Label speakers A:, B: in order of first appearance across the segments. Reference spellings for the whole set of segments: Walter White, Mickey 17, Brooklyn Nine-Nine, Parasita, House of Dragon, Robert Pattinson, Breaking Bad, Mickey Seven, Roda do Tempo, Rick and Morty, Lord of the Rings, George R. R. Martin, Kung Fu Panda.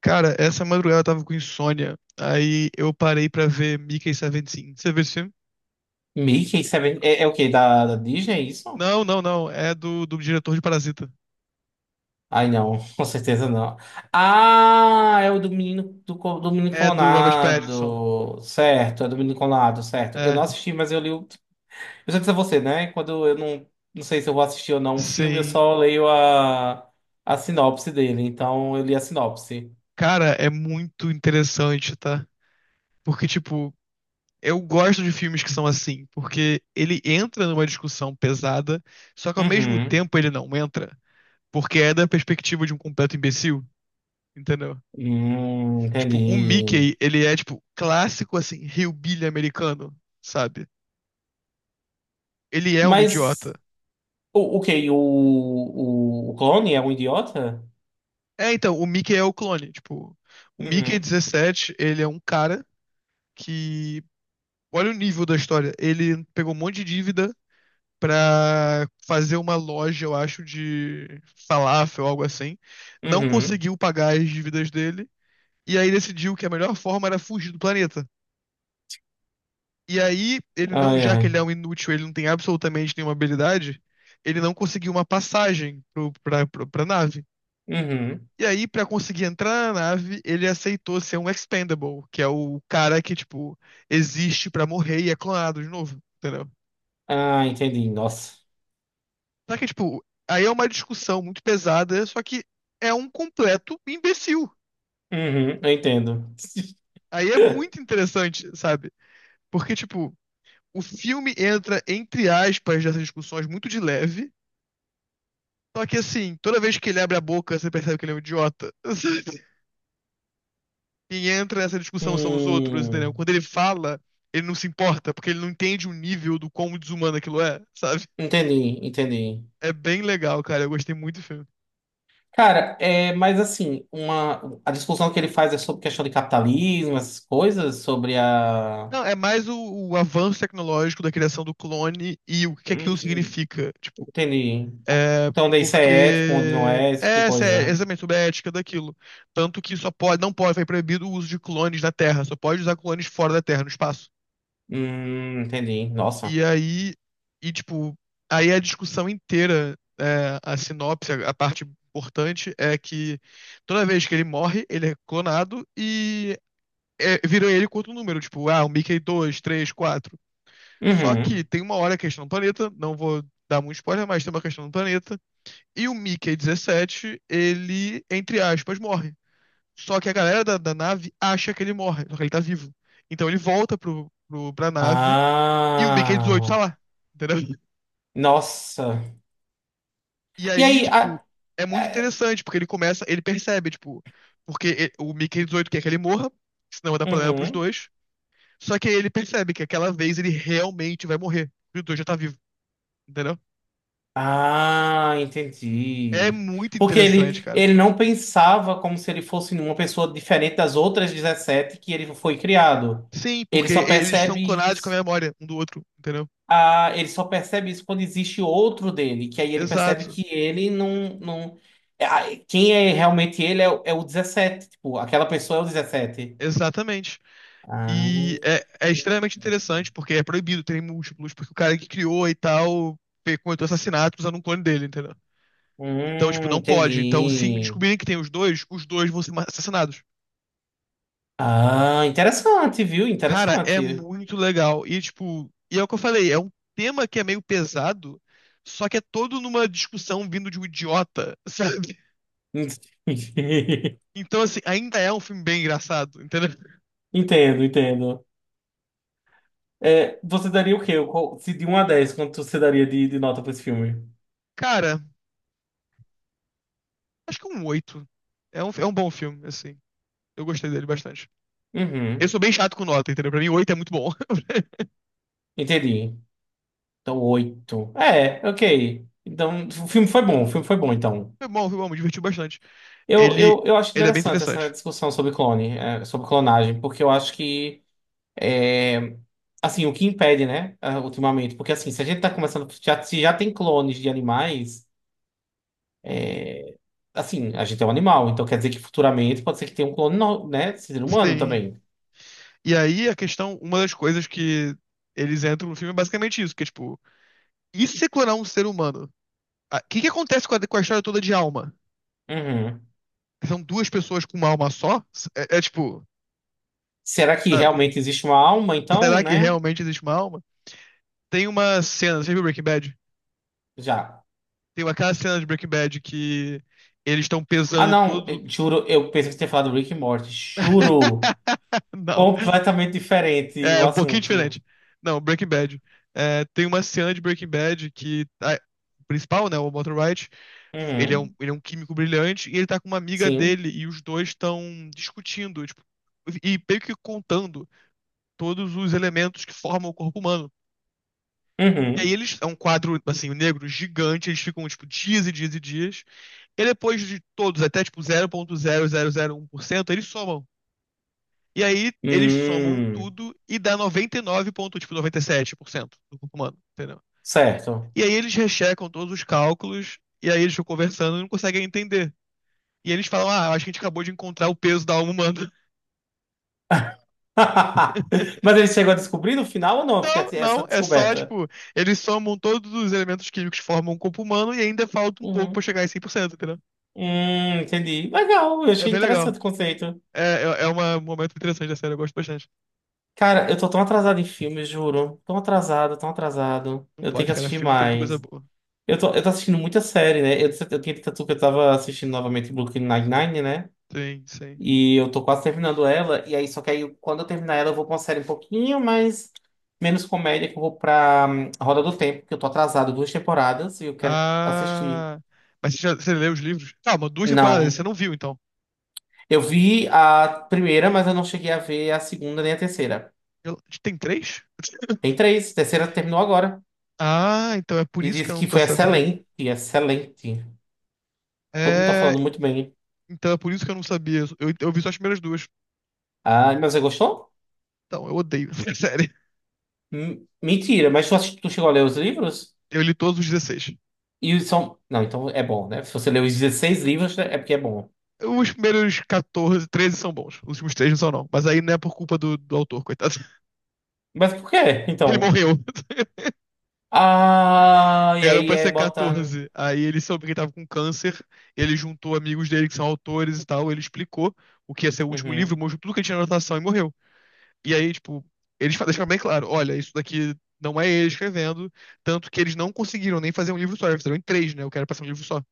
A: Cara, essa madrugada eu tava com insônia. Aí eu parei pra ver Mickey 17. Você viu esse filme?
B: Mickey Seven. É o quê? Da Disney, é isso?
A: Não, não, não. É do diretor de Parasita.
B: Ai, não. Com certeza não. Ah, é o do menino, do menino
A: É do Robert Pattinson.
B: clonado. Certo, é do menino clonado, certo. Eu não
A: É,
B: assisti, mas eu li o. Eu já disse a você, né? Quando eu não, não sei se eu vou assistir ou não um filme, eu
A: sim.
B: só leio a sinopse dele. Então, eu li a sinopse.
A: Cara, é muito interessante, tá? Porque, tipo, eu gosto de filmes que são assim, porque ele entra numa discussão pesada, só que ao mesmo
B: Uhum.
A: tempo ele não entra, porque é da perspectiva de um completo imbecil, entendeu? Tipo, o
B: Entendi.
A: Mickey, ele é, tipo, clássico, assim, hillbilly americano, sabe? Ele é um idiota.
B: Mas, o que O, o clone é um idiota?
A: É, então, o Mickey é o clone. Tipo, o Mickey
B: Uhum.
A: dezessete ele é um cara que. Olha o nível da história. Ele pegou um monte de dívida pra fazer uma loja, eu acho, de falafel, ou algo assim. Não
B: Uhum.
A: conseguiu pagar as dívidas dele. E aí decidiu que a melhor forma era fugir do planeta. E aí, ele não,
B: Ai,
A: já que ele é
B: ai.
A: um inútil, ele não tem absolutamente nenhuma habilidade, ele não conseguiu uma passagem pra nave.
B: Uhum.
A: E aí, pra conseguir entrar na nave, ele aceitou ser um expendable, que é o cara que, tipo, existe pra morrer e é clonado de novo, entendeu?
B: Ah, entendi. Nossa.
A: Só que, tipo, aí é uma discussão muito pesada, só que é um completo imbecil.
B: Uhum, eu entendo.
A: Aí é muito interessante, sabe? Porque, tipo, o filme entra, entre aspas, nessas discussões muito de leve, só que, assim, toda vez que ele abre a boca, você percebe que ele é um idiota. Sabe? Quem entra nessa discussão são os outros, entendeu?
B: Hum,
A: Quando ele fala, ele não se importa, porque ele não entende o nível do quão desumano aquilo é, sabe?
B: entendi, entendi.
A: É bem legal, cara. Eu gostei muito do filme.
B: Cara, é, mas assim, a discussão que ele faz é sobre questão de capitalismo, essas coisas, sobre a.
A: Não, é mais o avanço tecnológico da criação do clone e o que
B: Hum,
A: aquilo significa. Tipo,
B: entendi.
A: é
B: Então, onde isso é ético, onde não
A: porque
B: é, esse tipo
A: é,
B: de
A: essa é
B: coisa.
A: exatamente sobre a ética daquilo. Tanto que só pode, não pode, foi proibido o uso de clones na Terra, só pode usar clones fora da Terra, no espaço.
B: Entendi. Nossa.
A: E aí, e tipo, aí a discussão inteira, é, a sinopse, a parte importante é que toda vez que ele morre, ele é clonado e é, vira ele com outro número, tipo, ah, o Mickey dois três quatro. Só que
B: Uhum.
A: tem uma hora a questão do planeta, não vou dar muito spoiler, mas tem uma questão do planeta, e o Mickey dezessete ele, entre aspas, morre. Só que a galera da nave acha que ele morre, só que ele tá vivo. Então ele volta pra nave e o Mickey dezoito tá
B: Ah,
A: lá, entendeu?
B: nossa.
A: E
B: E
A: aí,
B: aí,
A: tipo, é muito
B: a-
A: interessante, porque ele começa, ele percebe, tipo, o Mickey 18 quer que ele morra, senão vai dar problema pros
B: uhum.
A: dois. Só que aí ele percebe que aquela vez ele realmente vai morrer. E o dois já tá vivo, entendeu?
B: Ah,
A: É
B: entendi.
A: muito
B: Porque
A: interessante,
B: ele,
A: cara.
B: ele não pensava como se ele fosse uma pessoa diferente das outras 17 que ele foi criado.
A: Sim,
B: Ele
A: porque
B: só
A: eles são
B: percebe
A: clonados com a
B: isso.
A: memória um do outro, entendeu?
B: Ah, ele só percebe isso quando existe outro dele, que aí ele percebe
A: Exato.
B: que ele não, não. Quem é realmente ele é o 17, tipo, aquela pessoa é o 17.
A: Exatamente.
B: Ah,
A: E é, é extremamente interessante, porque é proibido ter múltiplos, porque o cara que criou e tal cometeu assassinato usando um clone dele, entendeu? Então, tipo, não pode. Então, se
B: entendi.
A: descobrirem que tem os dois vão ser assassinados.
B: Ah, interessante, viu?
A: Cara, é
B: Interessante.
A: muito legal. E, tipo, e é o que eu falei, é um tema que é meio pesado, só que é todo numa discussão vindo de um idiota, sabe? Então, assim, ainda é um filme bem engraçado, entendeu?
B: Entendo, entendo. É, você daria o quê? Se de 1 a 10 quanto você daria de nota pra esse filme?
A: Cara, acho que é um oito. É um bom filme, assim. Eu gostei dele bastante. Eu
B: Uhum,
A: sou bem chato com nota, entendeu? Pra mim, oito é muito bom.
B: entendi. Então, 8 é, ok. Então, o filme foi bom, o filme foi bom, então.
A: Foi bom, me divertiu bastante.
B: Eu,
A: Ele,
B: eu, eu acho
A: ele é bem
B: interessante essa
A: interessante.
B: discussão sobre clone, sobre clonagem, porque eu acho que, é, assim, o que impede, né, ah, ultimamente, porque assim, se a gente tá começando, já, se já tem clones de animais, assim, a gente é um animal, então quer dizer que futuramente pode ser que tenha um clone, né? Ser humano
A: Sim.
B: também.
A: E aí a questão, uma das coisas que eles entram no filme é basicamente isso, que é tipo, e se você clonar um ser humano? Ah, o que que acontece com a história toda de alma?
B: Uhum.
A: São duas pessoas com uma alma só? É, é tipo,
B: Será que
A: sabe?
B: realmente existe uma alma, então,
A: Será que
B: né?
A: realmente existe uma alma? Tem uma cena, você viu Breaking Bad?
B: Já.
A: Tem aquela cena de Breaking Bad que eles estão
B: Ah,
A: pesando
B: não,
A: todo.
B: juro, eu pensei que você tinha falado Rick e Morty. Juro.
A: Não.
B: Completamente diferente o
A: É, um pouquinho
B: assunto.
A: diferente. Não, Breaking Bad. É, tem uma cena de Breaking Bad que o principal, né, o Walter White,
B: Uhum.
A: ele é um químico brilhante e ele tá com uma amiga
B: Sim.
A: dele e os dois estão discutindo, tipo, e meio que contando todos os elementos que formam o corpo humano. E aí
B: Uhum.
A: eles, é um quadro, assim, negro gigante, eles ficam, tipo, dias e dias e dias. E depois de todos, até, tipo, zero vírgula zero zero zero um por cento, eles somam. E aí eles somam
B: Hum.
A: tudo e dá 99 ponto, tipo 97% do corpo humano, entendeu?
B: Certo.
A: E aí eles rechecam todos os cálculos e aí eles ficam conversando e não conseguem entender. E eles falam: "Ah, acho que a gente acabou de encontrar o peso da alma humana".
B: Mas ele chegou a descobrir no final ou não? Porque
A: Não,
B: assim, essa
A: não, é só
B: descoberta.
A: tipo, eles somam todos os elementos químicos que formam o corpo humano e ainda falta um pouco
B: Uhum.
A: pra chegar em 100%, entendeu?
B: Entendi. Legal, eu
A: É
B: achei
A: bem legal.
B: interessante o conceito.
A: É, é, é uma- um momento interessante da série, eu gosto bastante.
B: Cara, eu tô tão atrasado em filmes, juro. Tão atrasado, tão atrasado.
A: Não
B: Eu tenho
A: pode,
B: que
A: cara,
B: assistir
A: filme tem muita coisa
B: mais.
A: boa.
B: Eu tô assistindo muita série, né? Eu tinha dito a tu que eu tava assistindo novamente Brooklyn Nine-Nine, né?
A: Sim, sim.
B: E eu tô quase terminando ela. E aí, só que aí, quando eu terminar ela, eu vou pra uma série um pouquinho mais. Menos comédia, que eu vou pra Roda do Tempo, que eu tô atrasado duas temporadas e eu quero assistir.
A: Ah. Mas você, já, você leu os livros? Calma, duas temporadas,
B: Não.
A: você não viu então.
B: Eu vi a primeira, mas eu não cheguei a ver a segunda nem a terceira.
A: Eu- tem três?
B: Tem três. A terceira terminou agora.
A: Ah, então é por
B: E
A: isso que
B: disse
A: eu não
B: que
A: tô
B: foi
A: sabendo.
B: excelente, excelente. Todo mundo tá
A: É.
B: falando muito bem.
A: Então é por isso que eu não sabia. Eu vi só as primeiras duas.
B: Ah, mas você gostou?
A: Então, eu odeio essa série.
B: Mentira, mas tu, tu chegou a ler os livros?
A: Eu li todos os 16.
B: E os são. Não, então é bom, né? Se você leu os 16 livros, é porque é bom.
A: Os primeiros 14, 13 são bons. Os últimos três não são, não. Mas aí não é por culpa do autor, coitado.
B: Mas por quê?
A: Ele
B: Então.
A: morreu.
B: Ah, e
A: Era
B: aí
A: pra
B: é
A: ser
B: bota.
A: 14. Aí ele soube que ele tava com câncer. Ele juntou amigos dele que são autores e tal. Ele explicou o que ia ser o último livro,
B: Uhum.
A: mostrou tudo que ele tinha na anotação e morreu. E aí, tipo, deixaram bem claro, olha, isso daqui não é ele escrevendo, tanto que eles não conseguiram nem fazer um livro só, eles fizeram em três, né? Eu quero passar um livro só.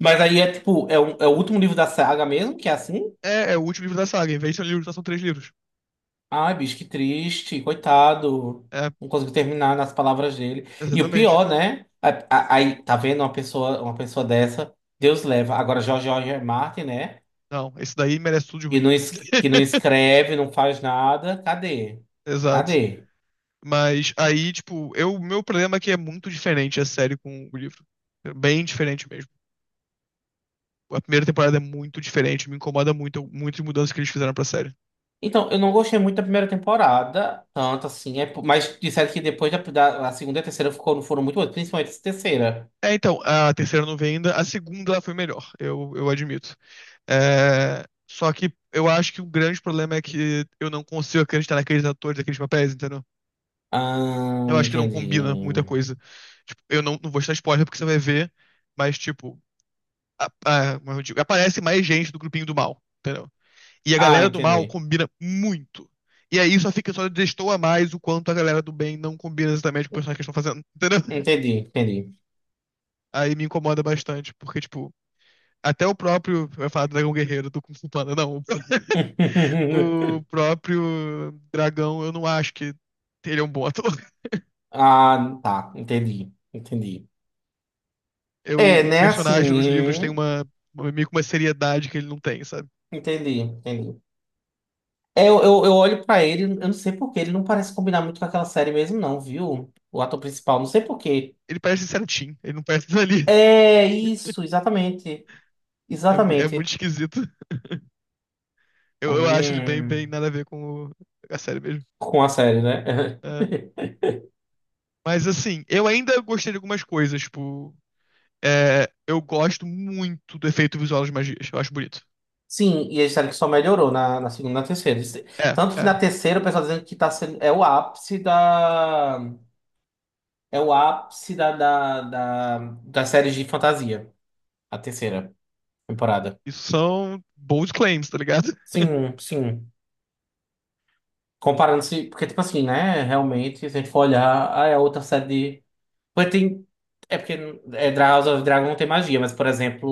B: Mas aí é tipo, é o último livro da saga mesmo, que é assim?
A: É, é o último livro da saga, em vez de ser um livro só, são três livros.
B: Ai, bicho, que triste, coitado.
A: É,
B: Não consigo terminar nas palavras dele. E o
A: exatamente.
B: pior, né? Aí, tá vendo uma pessoa dessa, Deus leva. Agora, George R. R. Martin, né?
A: Não, esse daí merece tudo de
B: Que
A: ruim.
B: não, es- que não escreve, não faz nada. Cadê?
A: Exato.
B: Cadê?
A: Mas aí, tipo, eu, o meu problema é que é muito diferente a série com o livro. É bem diferente mesmo. A primeira temporada é muito diferente, me incomoda muito, muito as mudanças que eles fizeram pra série.
B: Então, eu não gostei muito da primeira temporada, tanto assim, mas disseram que depois da, da- a segunda e a terceira ficou, foram muito boas, principalmente a terceira.
A: É, então, a terceira eu não veio ainda, a segunda ela foi melhor, eu admito. É, só que eu acho que o grande problema é que eu não consigo acreditar naqueles atores, naqueles papéis, entendeu?
B: Ah,
A: Eu acho que não combina muita
B: entendi.
A: coisa. Tipo, eu não, não vou estar spoiler porque você vai ver, mas, tipo, como eu digo, aparece mais gente do grupinho do mal, entendeu? E a
B: Ah,
A: galera do mal
B: entendi.
A: combina muito. E aí só fica, só destoa mais o quanto a galera do bem não combina exatamente com o personagem que eles estão fazendo, entendeu?
B: Entendi, entendi.
A: Aí me incomoda bastante, porque, tipo, até o próprio, vai falar do Dragão Guerreiro, do Kung Fu Panda, não. O próprio dragão, eu não acho que ele é um bom ator.
B: Ah, tá, entendi, entendi.
A: Eu,
B: É,
A: o
B: né, assim,
A: personagem nos livros tem uma- meio que uma seriedade que ele não tem, sabe?
B: entendi, entendi. É, eu olho pra ele, eu não sei por quê, ele não parece combinar muito com aquela série mesmo, não, viu? O ator principal, não sei por quê.
A: Ele parece certinho, ele não parece dali.
B: É, isso, exatamente,
A: É, é muito
B: exatamente.
A: esquisito. Eu acho ele bem, bem
B: Hum,
A: nada a ver com a série mesmo.
B: com a série, né?
A: É. Mas assim, eu ainda gostei de algumas coisas, tipo, é, eu gosto muito do efeito visual das magias, eu acho bonito.
B: Sim, e a série que só melhorou na segunda e na terceira.
A: É,
B: Tanto que na
A: é.
B: terceira o pessoal tá dizendo que tá sendo, é o ápice da. É o ápice das séries de fantasia, a terceira temporada.
A: Isso são bold claims, tá ligado?
B: Sim, sim. Comparando-se, porque, tipo assim, né? Realmente, se a gente for olhar, ah, é a outra série de. Porque tem. É porque House of Dragon não tem magia, mas, por exemplo,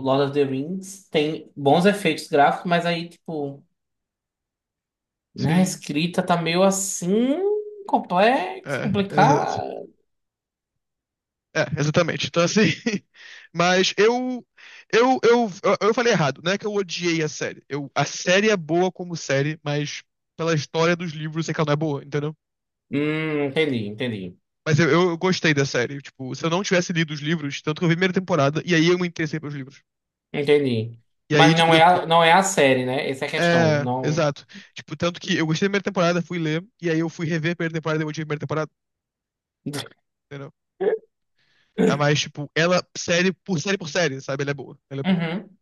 B: Lord of the Rings tem bons efeitos gráficos, mas aí, tipo, né? A
A: Sim,
B: escrita tá meio assim. Complexo,
A: é, exato.
B: complicado.
A: É, exatamente. Então, assim. Mas eu, eu falei errado. Não é que eu odiei a série. Eu, a série é boa como série, mas pela história dos livros, eu sei que ela não é boa, entendeu?
B: Entendi, entendi.
A: Mas eu gostei da série. Tipo, se eu não tivesse lido os livros, tanto que eu vi a primeira temporada, e aí eu me interessei pelos livros.
B: Entendi.
A: E aí,
B: Mas
A: tipo,
B: não é
A: depois.
B: a, não é a série, né? Essa é a questão.
A: É,
B: Não.
A: exato. Tipo, tanto que eu gostei da primeira temporada, fui ler, e aí eu fui rever a primeira temporada e eu odiei a primeira temporada, entendeu? É, mais tipo, ela, série por série por série, sabe? Ela é boa. Ela é boa.
B: Uhum.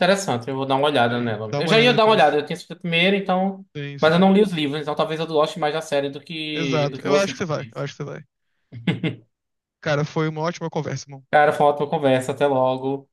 B: Interessante, eu vou dar uma olhada
A: Sim.
B: nela.
A: Dá
B: Eu
A: uma
B: já
A: olhada
B: ia dar uma
A: depois.
B: olhada, eu tinha assistido primeiro, então.
A: Sim,
B: Mas eu
A: sim.
B: não li os livros, então talvez eu goste mais da série do que, do
A: Exato.
B: que
A: Eu acho
B: você,
A: que você vai. Eu
B: talvez.
A: acho que você vai. Cara, foi uma ótima conversa, irmão.
B: Cara, foi uma ótima conversa, até logo.